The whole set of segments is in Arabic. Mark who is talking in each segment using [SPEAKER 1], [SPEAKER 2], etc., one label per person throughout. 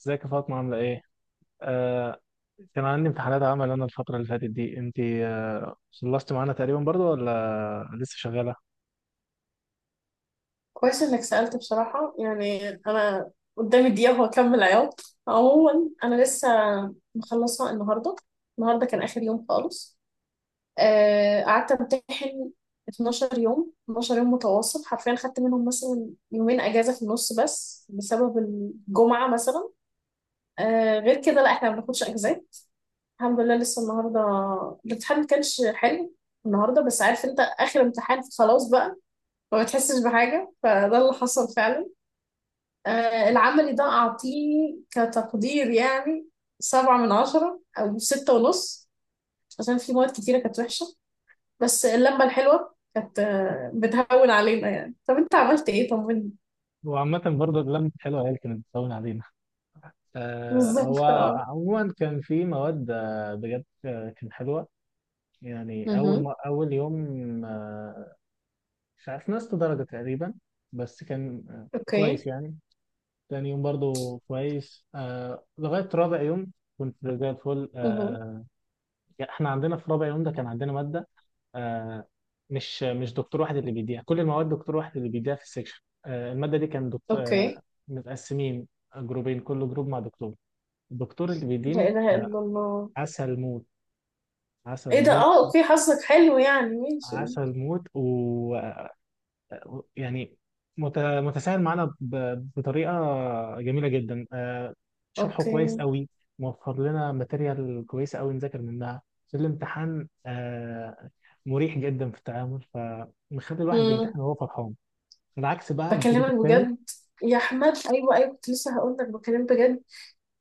[SPEAKER 1] ازيك يا فاطمة، عاملة ايه؟ آه كان عندي امتحانات. عمل انا الفترة اللي فاتت دي. انت خلصتي معانا تقريبا برضو، ولا لسه شغالة؟
[SPEAKER 2] كويس انك سألت بصراحة، يعني انا قدامي دقيقة وهكمل عياط. عموما انا لسه مخلصة النهاردة. النهاردة كان اخر يوم خالص. قعدت امتحن 12 يوم، 12 يوم متواصل حرفيا. خدت منهم مثلا يومين اجازة في النص بس بسبب الجمعة مثلا. غير كده لا، احنا ما بناخدش اجازات. الحمد لله. لسه النهاردة الامتحان ما كانش حلو. النهارده بس، عارف انت؟ اخر امتحان، خلاص بقى ما بتحسش بحاجه، فده اللي حصل فعلا. العملي ده أعطيه كتقدير يعني سبعة من عشرة أو ستة ونص، عشان في مواد كتيرة كانت وحشة. بس اللمة الحلوة كانت، بتهون علينا يعني. طب أنت عملت إيه؟ طمني.
[SPEAKER 1] وعامة برضو اللمة حلوة هي اللي كانت بتطول علينا. هو
[SPEAKER 2] بالظبط، أه.
[SPEAKER 1] عموما كان في مواد بجد كانت حلوة. يعني
[SPEAKER 2] مهم.
[SPEAKER 1] أول يوم، مش عارف، نقصت درجة تقريبا، بس كان
[SPEAKER 2] أوكي.
[SPEAKER 1] كويس يعني. تاني يوم برضو كويس لغاية رابع يوم كنت زي الفل
[SPEAKER 2] مهم.
[SPEAKER 1] يعني. احنا عندنا في رابع يوم ده كان عندنا مادة، آه، مش دكتور واحد اللي بيديها كل المواد، دكتور واحد اللي بيديها في السكشن. المادة دي كان دكتور
[SPEAKER 2] أوكي.
[SPEAKER 1] متقسمين جروبين، كل جروب مع دكتور. الدكتور اللي
[SPEAKER 2] لا
[SPEAKER 1] بيديني
[SPEAKER 2] إله إلا الله.
[SPEAKER 1] عسل موت. عسل
[SPEAKER 2] إيه ده؟
[SPEAKER 1] موت.
[SPEAKER 2] أه، أوكي. حظك حلو يعني، ماشي.
[SPEAKER 1] عسل موت. ويعني متساهل معانا بطريقة جميلة جدا، شرحه كويس
[SPEAKER 2] أوكي.
[SPEAKER 1] قوي، موفر لنا ماتيريال كويسة قوي نذاكر منها في الامتحان، مريح جدا في التعامل، فمخلي الواحد
[SPEAKER 2] مم.
[SPEAKER 1] بيمتحن وهو فرحان. العكس بقى الجروب
[SPEAKER 2] بكلمك
[SPEAKER 1] الثاني،
[SPEAKER 2] بجد يا أحمد. أيوه، أيوه، كنت لسه هقول لك، بكلمك بجد.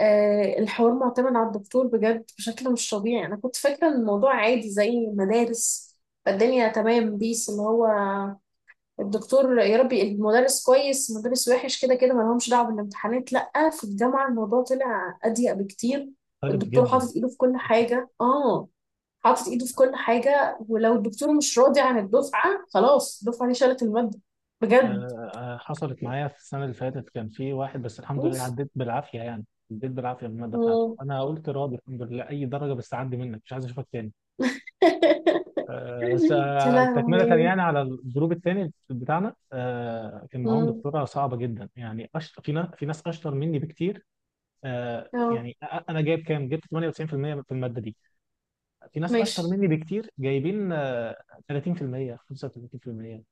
[SPEAKER 2] الحوار معتمد على الدكتور بجد بشكل مش طبيعي. انا كنت فاكره ان الموضوع عادي زي مدارس الدنيا تمام، بيس اللي هو الدكتور. يا ربي، المدرس كويس المدرس وحش، كده كده ما لهمش دعوه بالامتحانات. لا، في الجامعه الموضوع طلع اضيق بكتير.
[SPEAKER 1] مختلف
[SPEAKER 2] والدكتور
[SPEAKER 1] جدا،
[SPEAKER 2] حاطط ايده في كل
[SPEAKER 1] مختلف جداً.
[SPEAKER 2] حاجه، اه. حاطط ايده في كل حاجه، ولو الدكتور مش راضي عن الدفعه خلاص، الدفعه دي شالت الماده بجد.
[SPEAKER 1] حصلت معايا في السنة اللي فاتت، كان في واحد بس الحمد
[SPEAKER 2] اوف.
[SPEAKER 1] لله عديت بالعافية يعني. عديت بالعافية من المادة بتاعته.
[SPEAKER 2] مم.
[SPEAKER 1] أنا قلت راضي الحمد لله أي درجة، بس عدي منك، مش عايز أشوفك تاني. بس
[SPEAKER 2] يا
[SPEAKER 1] تكملة
[SPEAKER 2] لهوي.
[SPEAKER 1] يعني على الجروب الثاني بتاعنا، كان معاهم
[SPEAKER 2] مم.
[SPEAKER 1] دكتورة صعبة جدا، يعني أشطر. في ناس أشطر مني بكتير.
[SPEAKER 2] اه،
[SPEAKER 1] يعني أنا جايب كام؟ جبت 98% في المية في المادة دي. في ناس أشطر
[SPEAKER 2] ماشي.
[SPEAKER 1] مني بكتير جايبين، 30% 35%.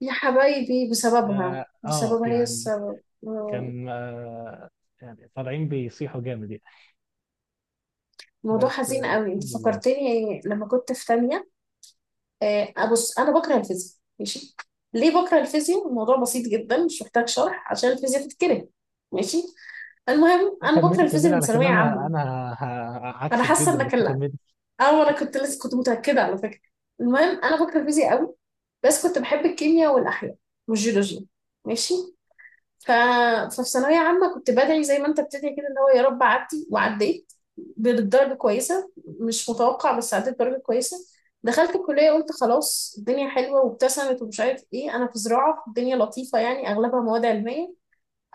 [SPEAKER 2] يا حبايبي، بسببها بسببها هي
[SPEAKER 1] يعني
[SPEAKER 2] السبب. آه،
[SPEAKER 1] كان يعني طالعين بيصيحوا جامد يعني.
[SPEAKER 2] موضوع
[SPEAKER 1] بس
[SPEAKER 2] حزين قوي.
[SPEAKER 1] الحمد
[SPEAKER 2] انت
[SPEAKER 1] لله.
[SPEAKER 2] فكرتني لما كنت في تانية. ابص، انا بكره الفيزياء ماشي. ليه بكره الفيزياء؟ الموضوع بسيط جدا، مش محتاج شرح عشان الفيزياء تتكره، ماشي. المهم
[SPEAKER 1] لا،
[SPEAKER 2] انا بكره
[SPEAKER 1] كملي كملي
[SPEAKER 2] الفيزياء من
[SPEAKER 1] علشان
[SPEAKER 2] ثانوية
[SPEAKER 1] انا
[SPEAKER 2] عامة. انا
[SPEAKER 1] عكسك
[SPEAKER 2] حاسة
[SPEAKER 1] جدا،
[SPEAKER 2] انك
[SPEAKER 1] بس
[SPEAKER 2] لا،
[SPEAKER 1] كملي.
[SPEAKER 2] او انا كنت لسه كنت متأكدة على فكرة. المهم انا بكره الفيزياء قوي، بس كنت بحب الكيمياء والاحياء والجيولوجيا، ماشي. ف... ففي ثانوية عامة كنت بدعي زي ما انت بتدعي كده، اللي هو يا رب عدي. وعديت بدرجة كويسة مش متوقع، بس عديت بدرجة كويسة. دخلت الكلية قلت خلاص الدنيا حلوة، وابتسمت ومش عارف ايه. انا في زراعة الدنيا لطيفة يعني، اغلبها مواد علمية.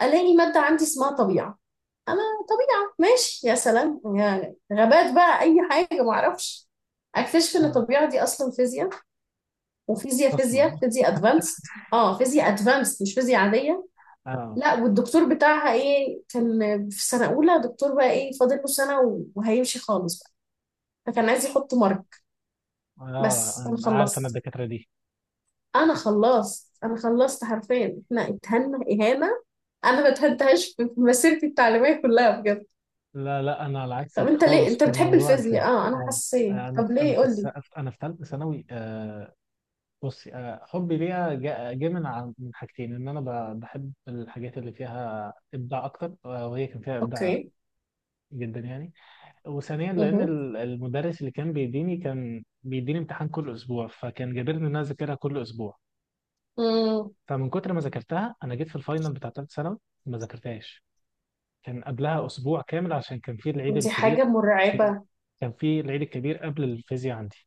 [SPEAKER 2] الاقي مادة عندي اسمها طبيعة. انا، طبيعة ماشي يا سلام يعني، غابات بقى اي حاجة معرفش. اكتشف ان
[SPEAKER 1] آه
[SPEAKER 2] الطبيعة دي اصلا فيزياء. وفيزياء
[SPEAKER 1] اصلا
[SPEAKER 2] فيزياء فيزياء ادفانسد. اه، فيزياء ادفانسد مش فيزياء عادية.
[SPEAKER 1] اه
[SPEAKER 2] لا، والدكتور بتاعها ايه، كان في سنة أولى دكتور بقى ايه فاضل له سنة وهيمشي خالص بقى، فكان عايز يحط مرك.
[SPEAKER 1] اه
[SPEAKER 2] بس أنا
[SPEAKER 1] أنا عارف انا
[SPEAKER 2] خلصت.
[SPEAKER 1] الدكاتره دي.
[SPEAKER 2] أنا خلصت حرفيا، احنا اتهنا إهانة. أنا ما اتهنتهاش في مسيرتي التعليمية كلها بجد.
[SPEAKER 1] لا لا، انا على
[SPEAKER 2] طب
[SPEAKER 1] عكسك
[SPEAKER 2] أنت ليه
[SPEAKER 1] خالص
[SPEAKER 2] أنت
[SPEAKER 1] في
[SPEAKER 2] بتحب
[SPEAKER 1] موضوع
[SPEAKER 2] الفيزياء؟
[SPEAKER 1] الفيزياء.
[SPEAKER 2] اه، أنا
[SPEAKER 1] اه
[SPEAKER 2] حسيت،
[SPEAKER 1] انا
[SPEAKER 2] طب
[SPEAKER 1] في انا
[SPEAKER 2] ليه
[SPEAKER 1] في
[SPEAKER 2] قول
[SPEAKER 1] الس...
[SPEAKER 2] لي.
[SPEAKER 1] انا في ثالثه ثانوي. بصي، حبي ليها جه من من حاجتين: ان انا بحب الحاجات اللي فيها ابداع اكتر، وهي كان فيها ابداع
[SPEAKER 2] أوكي.
[SPEAKER 1] جدا يعني. وثانيا
[SPEAKER 2] مه.
[SPEAKER 1] لان المدرس اللي كان بيديني كان بيديني امتحان كل اسبوع، فكان جابرني ان انا اذاكرها كل اسبوع.
[SPEAKER 2] مم.
[SPEAKER 1] فمن كتر ما ذاكرتها، انا جيت في الفاينل بتاع ثالث ثانوي ما ذاكرتهاش. كان قبلها اسبوع كامل عشان كان في العيد
[SPEAKER 2] دي حاجة
[SPEAKER 1] الكبير.
[SPEAKER 2] مرعبة.
[SPEAKER 1] كان في العيد الكبير قبل الفيزياء عندي،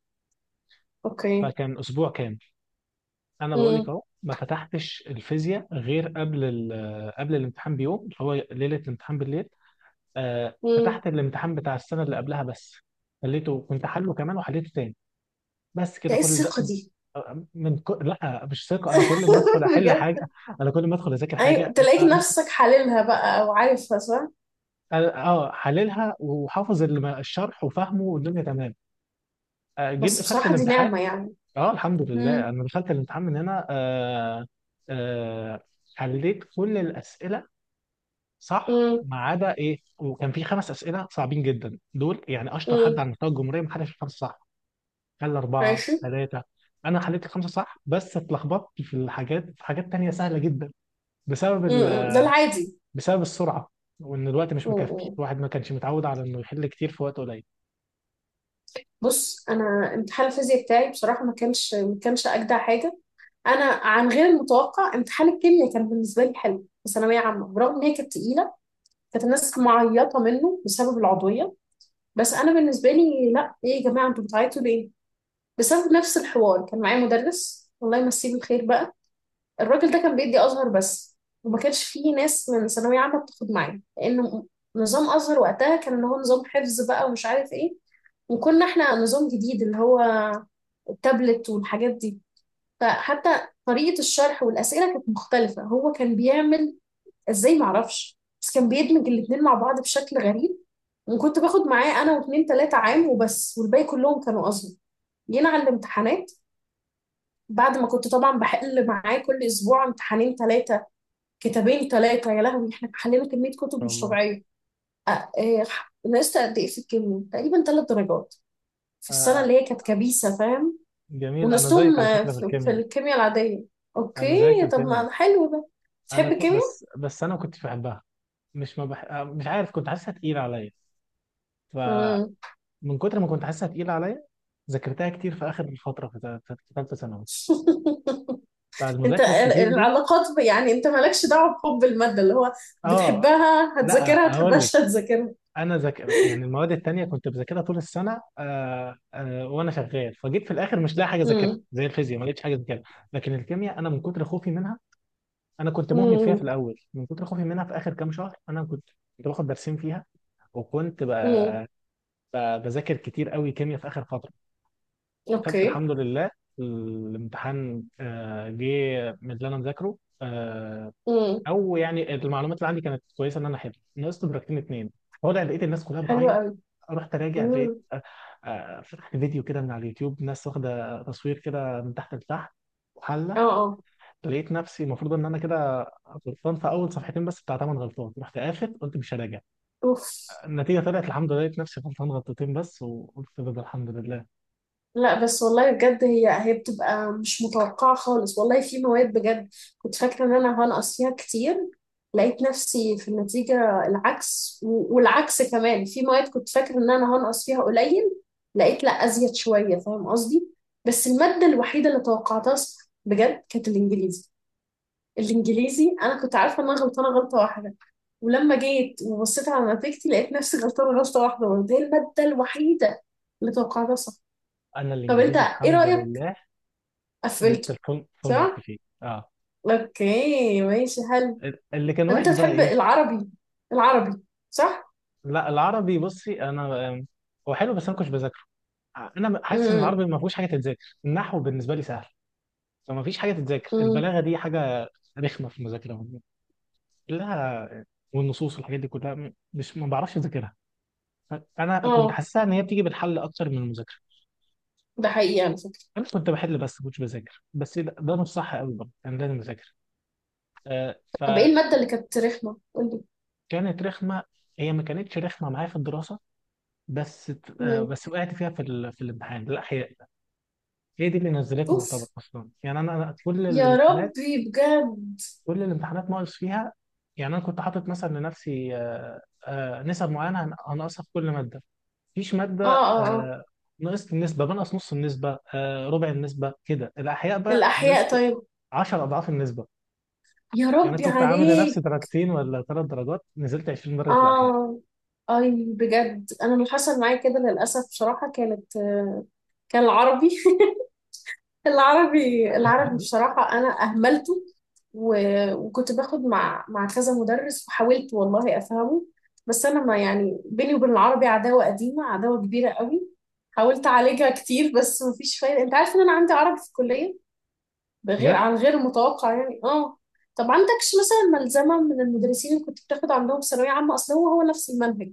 [SPEAKER 2] أوكي.
[SPEAKER 1] فكان اسبوع كامل. انا بقول لك
[SPEAKER 2] مم.
[SPEAKER 1] اهو، ما فتحتش الفيزياء غير قبل قبل الامتحان بيوم، اللي هو ليله الامتحان بالليل.
[SPEAKER 2] مم.
[SPEAKER 1] فتحت الامتحان بتاع السنه اللي قبلها بس، خليته كنت حله كمان وحليته تاني. بس
[SPEAKER 2] ده
[SPEAKER 1] كده
[SPEAKER 2] ايه
[SPEAKER 1] كل ده.
[SPEAKER 2] الثقة دي؟
[SPEAKER 1] لا، مش ثقه، انا كل ما ادخل احل
[SPEAKER 2] بجد.
[SPEAKER 1] حاجه. انا كل ما ادخل اذاكر
[SPEAKER 2] ايوه،
[SPEAKER 1] حاجه
[SPEAKER 2] تلاقيك نفسك حللها بقى او عارفها صح.
[SPEAKER 1] حللها، وحافظ الشرح وفاهمه والدنيا تمام. جيت
[SPEAKER 2] بس
[SPEAKER 1] دخلت
[SPEAKER 2] بصراحة دي
[SPEAKER 1] الامتحان.
[SPEAKER 2] نعمة يعني.
[SPEAKER 1] اه الحمد لله،
[SPEAKER 2] امم.
[SPEAKER 1] انا دخلت الامتحان من هنا. آه حليت كل الاسئله صح
[SPEAKER 2] امم.
[SPEAKER 1] ما عدا ايه، وكان في خمس اسئله صعبين جدا دول، يعني اشطر حد
[SPEAKER 2] امم.
[SPEAKER 1] على مستوى الجمهوريه ما حدش الخمسه صح. خلى أربعة
[SPEAKER 2] ماشي.
[SPEAKER 1] ثلاثة. أنا حليت الخمسة صح، بس اتلخبطت في الحاجات، في حاجات تانية سهلة جدا، بسبب
[SPEAKER 2] امم، ده
[SPEAKER 1] ال...
[SPEAKER 2] العادي.
[SPEAKER 1] بسبب السرعة، وإن الوقت مش مكفي،
[SPEAKER 2] امم.
[SPEAKER 1] الواحد ما كانش متعود على إنه يحل كتير في وقت قليل. إن
[SPEAKER 2] بص، انا امتحان الفيزياء بتاعي بصراحة ما كانش اجدع حاجة. انا عن غير المتوقع امتحان الكيمياء كان بالنسبة لي حلو في ثانوية عامة، برغم ان هي كانت تقيلة. كانت الناس معيطة منه بسبب العضوية، بس انا بالنسبة لي لا. ايه يا جماعة، انتوا بتعيطوا ليه؟ بسبب نفس الحوار، كان معايا مدرس الله يمسيه بالخير بقى. الراجل ده كان بيدي ازهر بس، وما كانش فيه ناس من ثانويه عامه بتاخد معاه، لانه نظام ازهر وقتها كان اللي هو نظام حفظ بقى ومش عارف ايه. وكنا احنا نظام جديد، اللي هو التابلت والحاجات دي. فحتى طريقه الشرح والاسئله كانت مختلفه، هو كان بيعمل ازاي معرفش، بس كان بيدمج الاتنين مع بعض بشكل غريب. وكنت باخد معاه انا واتنين تلاته عام وبس، والباقي كلهم كانوا ازهر. جينا على الامتحانات، بعد ما كنت طبعا بحل معاه كل اسبوع امتحانين ثلاثه، كتابين ثلاثة. يا لهوي، احنا حلينا كمية كتب
[SPEAKER 1] شاء
[SPEAKER 2] مش
[SPEAKER 1] الله.
[SPEAKER 2] طبيعية. أ- آه، نقصت قد ايه في الكيمياء؟ تقريبا ثلاث درجات، في
[SPEAKER 1] آه
[SPEAKER 2] السنة
[SPEAKER 1] آه،
[SPEAKER 2] اللي هي كانت كبيسة، فاهم؟
[SPEAKER 1] جميل، أنا زيك
[SPEAKER 2] ونقصتهم
[SPEAKER 1] على فكرة في
[SPEAKER 2] في
[SPEAKER 1] الكيمياء.
[SPEAKER 2] الكيمياء العادية.
[SPEAKER 1] أنا زيك في
[SPEAKER 2] اوكي، طب
[SPEAKER 1] الكيمياء.
[SPEAKER 2] ما حلو ده.
[SPEAKER 1] أنا
[SPEAKER 2] تحب
[SPEAKER 1] كنت
[SPEAKER 2] الكيمياء؟
[SPEAKER 1] بس، أنا ما كنتش بحبها. مش ما بح... آه، مش عارف، كنت حاسسها تقيلة عليا.
[SPEAKER 2] مم.
[SPEAKER 1] فمن كتر ما كنت حاسسها تقيلة عليا، ذاكرتها كتير في آخر الفترة في ثالثة ثانوي،
[SPEAKER 2] انت
[SPEAKER 1] فالمذاكرة
[SPEAKER 2] ال-
[SPEAKER 1] الكتير دي.
[SPEAKER 2] العلاقات يعني انت مالكش دعوة بحب المادة، اللي هو
[SPEAKER 1] اه
[SPEAKER 2] بتحبها
[SPEAKER 1] لا،
[SPEAKER 2] هتذاكرها،
[SPEAKER 1] هقول لك:
[SPEAKER 2] تحبهاش هتذاكرها.
[SPEAKER 1] انا ذاكر، يعني المواد التانية كنت بذاكرها طول السنه وانا شغال، فجيت في الاخر مش لاقي حاجه اذاكرها،
[SPEAKER 2] امم.
[SPEAKER 1] زي الفيزياء ما لقيتش حاجه اذاكرها. لكن الكيمياء انا من كتر خوفي منها، انا كنت مهمل فيها في
[SPEAKER 2] امم.
[SPEAKER 1] الاول من كتر خوفي منها. في اخر كام شهر انا كنت، كنت باخد درسين فيها، وكنت
[SPEAKER 2] امم.
[SPEAKER 1] بذاكر كتير قوي كيمياء في اخر فتره. خدت
[SPEAKER 2] اوكي.
[SPEAKER 1] الحمد لله. الامتحان جه من اللي انا مذاكره، آه
[SPEAKER 2] امم.
[SPEAKER 1] او يعني المعلومات اللي عندي كانت كويسه، ان انا حلو. نقصت درجتين اتنين. طالع لقيت الناس كلها
[SPEAKER 2] حلو
[SPEAKER 1] بتعيط.
[SPEAKER 2] قوي.
[SPEAKER 1] رحت راجع
[SPEAKER 2] امم.
[SPEAKER 1] لقيت، فتحت فيديو كده من على اليوتيوب، ناس واخده تصوير كده من تحت لتحت
[SPEAKER 2] اه.
[SPEAKER 1] وحله.
[SPEAKER 2] اه.
[SPEAKER 1] لقيت نفسي المفروض ان انا كده غلطان في اول صفحتين بس، بتاع تمن غلطات. رحت قافل قلت مش هراجع.
[SPEAKER 2] اوف.
[SPEAKER 1] النتيجه طلعت الحمد لله، لقيت نفسي غلطان غلطتين بس، وقلت ده الحمد لله.
[SPEAKER 2] لا بس والله بجد، هي هي بتبقى مش متوقعة خالص والله. في مواد بجد كنت فاكرة ان انا هنقص فيها كتير، لقيت نفسي في النتيجة العكس. والعكس كمان، في مواد كنت فاكرة ان انا هنقص فيها قليل لقيت لا، ازيد شوية، فاهم قصدي؟ بس المادة الوحيدة اللي توقعتها صح بجد كانت الانجليزي. الانجليزي انا كنت عارفة ان انا غلطانة غلطة واحدة، ولما جيت وبصيت على نتيجتي لقيت نفسي غلطانة غلطة واحدة برضه. هي المادة الوحيدة اللي توقعتها صح.
[SPEAKER 1] انا
[SPEAKER 2] طب انت
[SPEAKER 1] الانجليزي
[SPEAKER 2] ايه
[SPEAKER 1] الحمد
[SPEAKER 2] رأيك؟
[SPEAKER 1] لله جبت
[SPEAKER 2] قفلته،
[SPEAKER 1] الفول، فول مارك
[SPEAKER 2] صح؟
[SPEAKER 1] فيه. اه،
[SPEAKER 2] اوكي، ماشي، حلو.
[SPEAKER 1] اللي كان
[SPEAKER 2] طب انت
[SPEAKER 1] وحش بقى
[SPEAKER 2] بتحب
[SPEAKER 1] ايه؟
[SPEAKER 2] العربي، العربي صح؟
[SPEAKER 1] لا، العربي بصي، انا هو حلو بس انا ما كنتش بذاكره. انا حاسس ان العربي
[SPEAKER 2] امم.
[SPEAKER 1] ما فيهوش حاجه تتذاكر، النحو بالنسبه لي سهل، فما فيش حاجه تتذاكر.
[SPEAKER 2] امم.
[SPEAKER 1] البلاغه دي حاجه رخمه في المذاكره كلها. والنصوص والحاجات دي كلها مش، ما بعرفش اذاكرها. انا كنت
[SPEAKER 2] اه،
[SPEAKER 1] حاسسها ان هي بتيجي بالحل اكتر من المذاكره.
[SPEAKER 2] ده حقيقي على فكرة.
[SPEAKER 1] انا كنت بحل بس ما كنتش بذاكر، بس ده, مش صح قوي برضه، انا لازم اذاكر. آه،
[SPEAKER 2] طب ايه المادة اللي كانت رخمة؟ قولي.
[SPEAKER 1] فكانت رخمه. هي ما كانتش رخمه معايا في الدراسه، بس
[SPEAKER 2] مم.
[SPEAKER 1] بس وقعت فيها في الامتحان. لا هي، هي دي اللي نزلتني يعتبر
[SPEAKER 2] اوف،
[SPEAKER 1] اصلا. يعني انا كل
[SPEAKER 2] يا
[SPEAKER 1] الامتحانات،
[SPEAKER 2] ربي بجد.
[SPEAKER 1] ناقص فيها. يعني انا كنت حاطط مثلا لنفسي نسب معينه هنقصها في كل ماده. مفيش
[SPEAKER 2] اه.
[SPEAKER 1] ماده
[SPEAKER 2] اه. اه.
[SPEAKER 1] نقصت النسبه، بنقص نص النسبه، ربع النسبه كده. الاحياء بقى
[SPEAKER 2] الأحياء
[SPEAKER 1] نقصت
[SPEAKER 2] طيب.
[SPEAKER 1] 10 اضعاف النسبه.
[SPEAKER 2] يا
[SPEAKER 1] يعني
[SPEAKER 2] ربي
[SPEAKER 1] كنت عامل لنفسي
[SPEAKER 2] عليك.
[SPEAKER 1] درجتين ولا ثلاث درجات، نزلت 20 درجه في الاحياء.
[SPEAKER 2] اه، اي بجد. انا اللي حصل معايا كده للأسف بصراحة كانت، كان العربي. العربي، العربي بصراحة أنا أهملته. وكنت باخد مع كذا مدرس، وحاولت والله أفهمه. بس أنا ما، يعني بيني وبين العربي عداوة قديمة، عداوة كبيرة قوي. حاولت أعالجها كتير بس مفيش فايدة. أنت عارف إن أنا عندي عربي في الكلية؟ بغير،
[SPEAKER 1] بجد،
[SPEAKER 2] عن غير متوقع يعني، آه. طب عندكش مثلا ملزمة من المدرسين اللي كنت بتاخد عندهم ثانوية عامة؟ أصل هو هو نفس المنهج.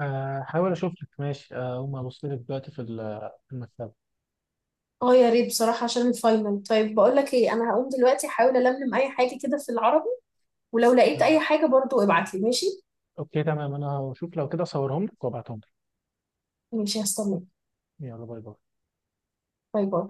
[SPEAKER 1] هحاول اشوف لك ماشي. اقوم ابص لك دلوقتي في المكتبه.
[SPEAKER 2] آه يا ريت بصراحة، عشان الفاينل. طيب بقول لك إيه، أنا هقوم دلوقتي أحاول ألملم أي حاجة كده في العربي، ولو لقيت اي
[SPEAKER 1] آه،
[SPEAKER 2] حاجة برضو ابعتلي ماشي.
[SPEAKER 1] اوكي تمام، انا هشوف لو كده اصورهم لك وابعتهم لك.
[SPEAKER 2] ماشي، هستناك.
[SPEAKER 1] يلا باي باي.
[SPEAKER 2] باي باي.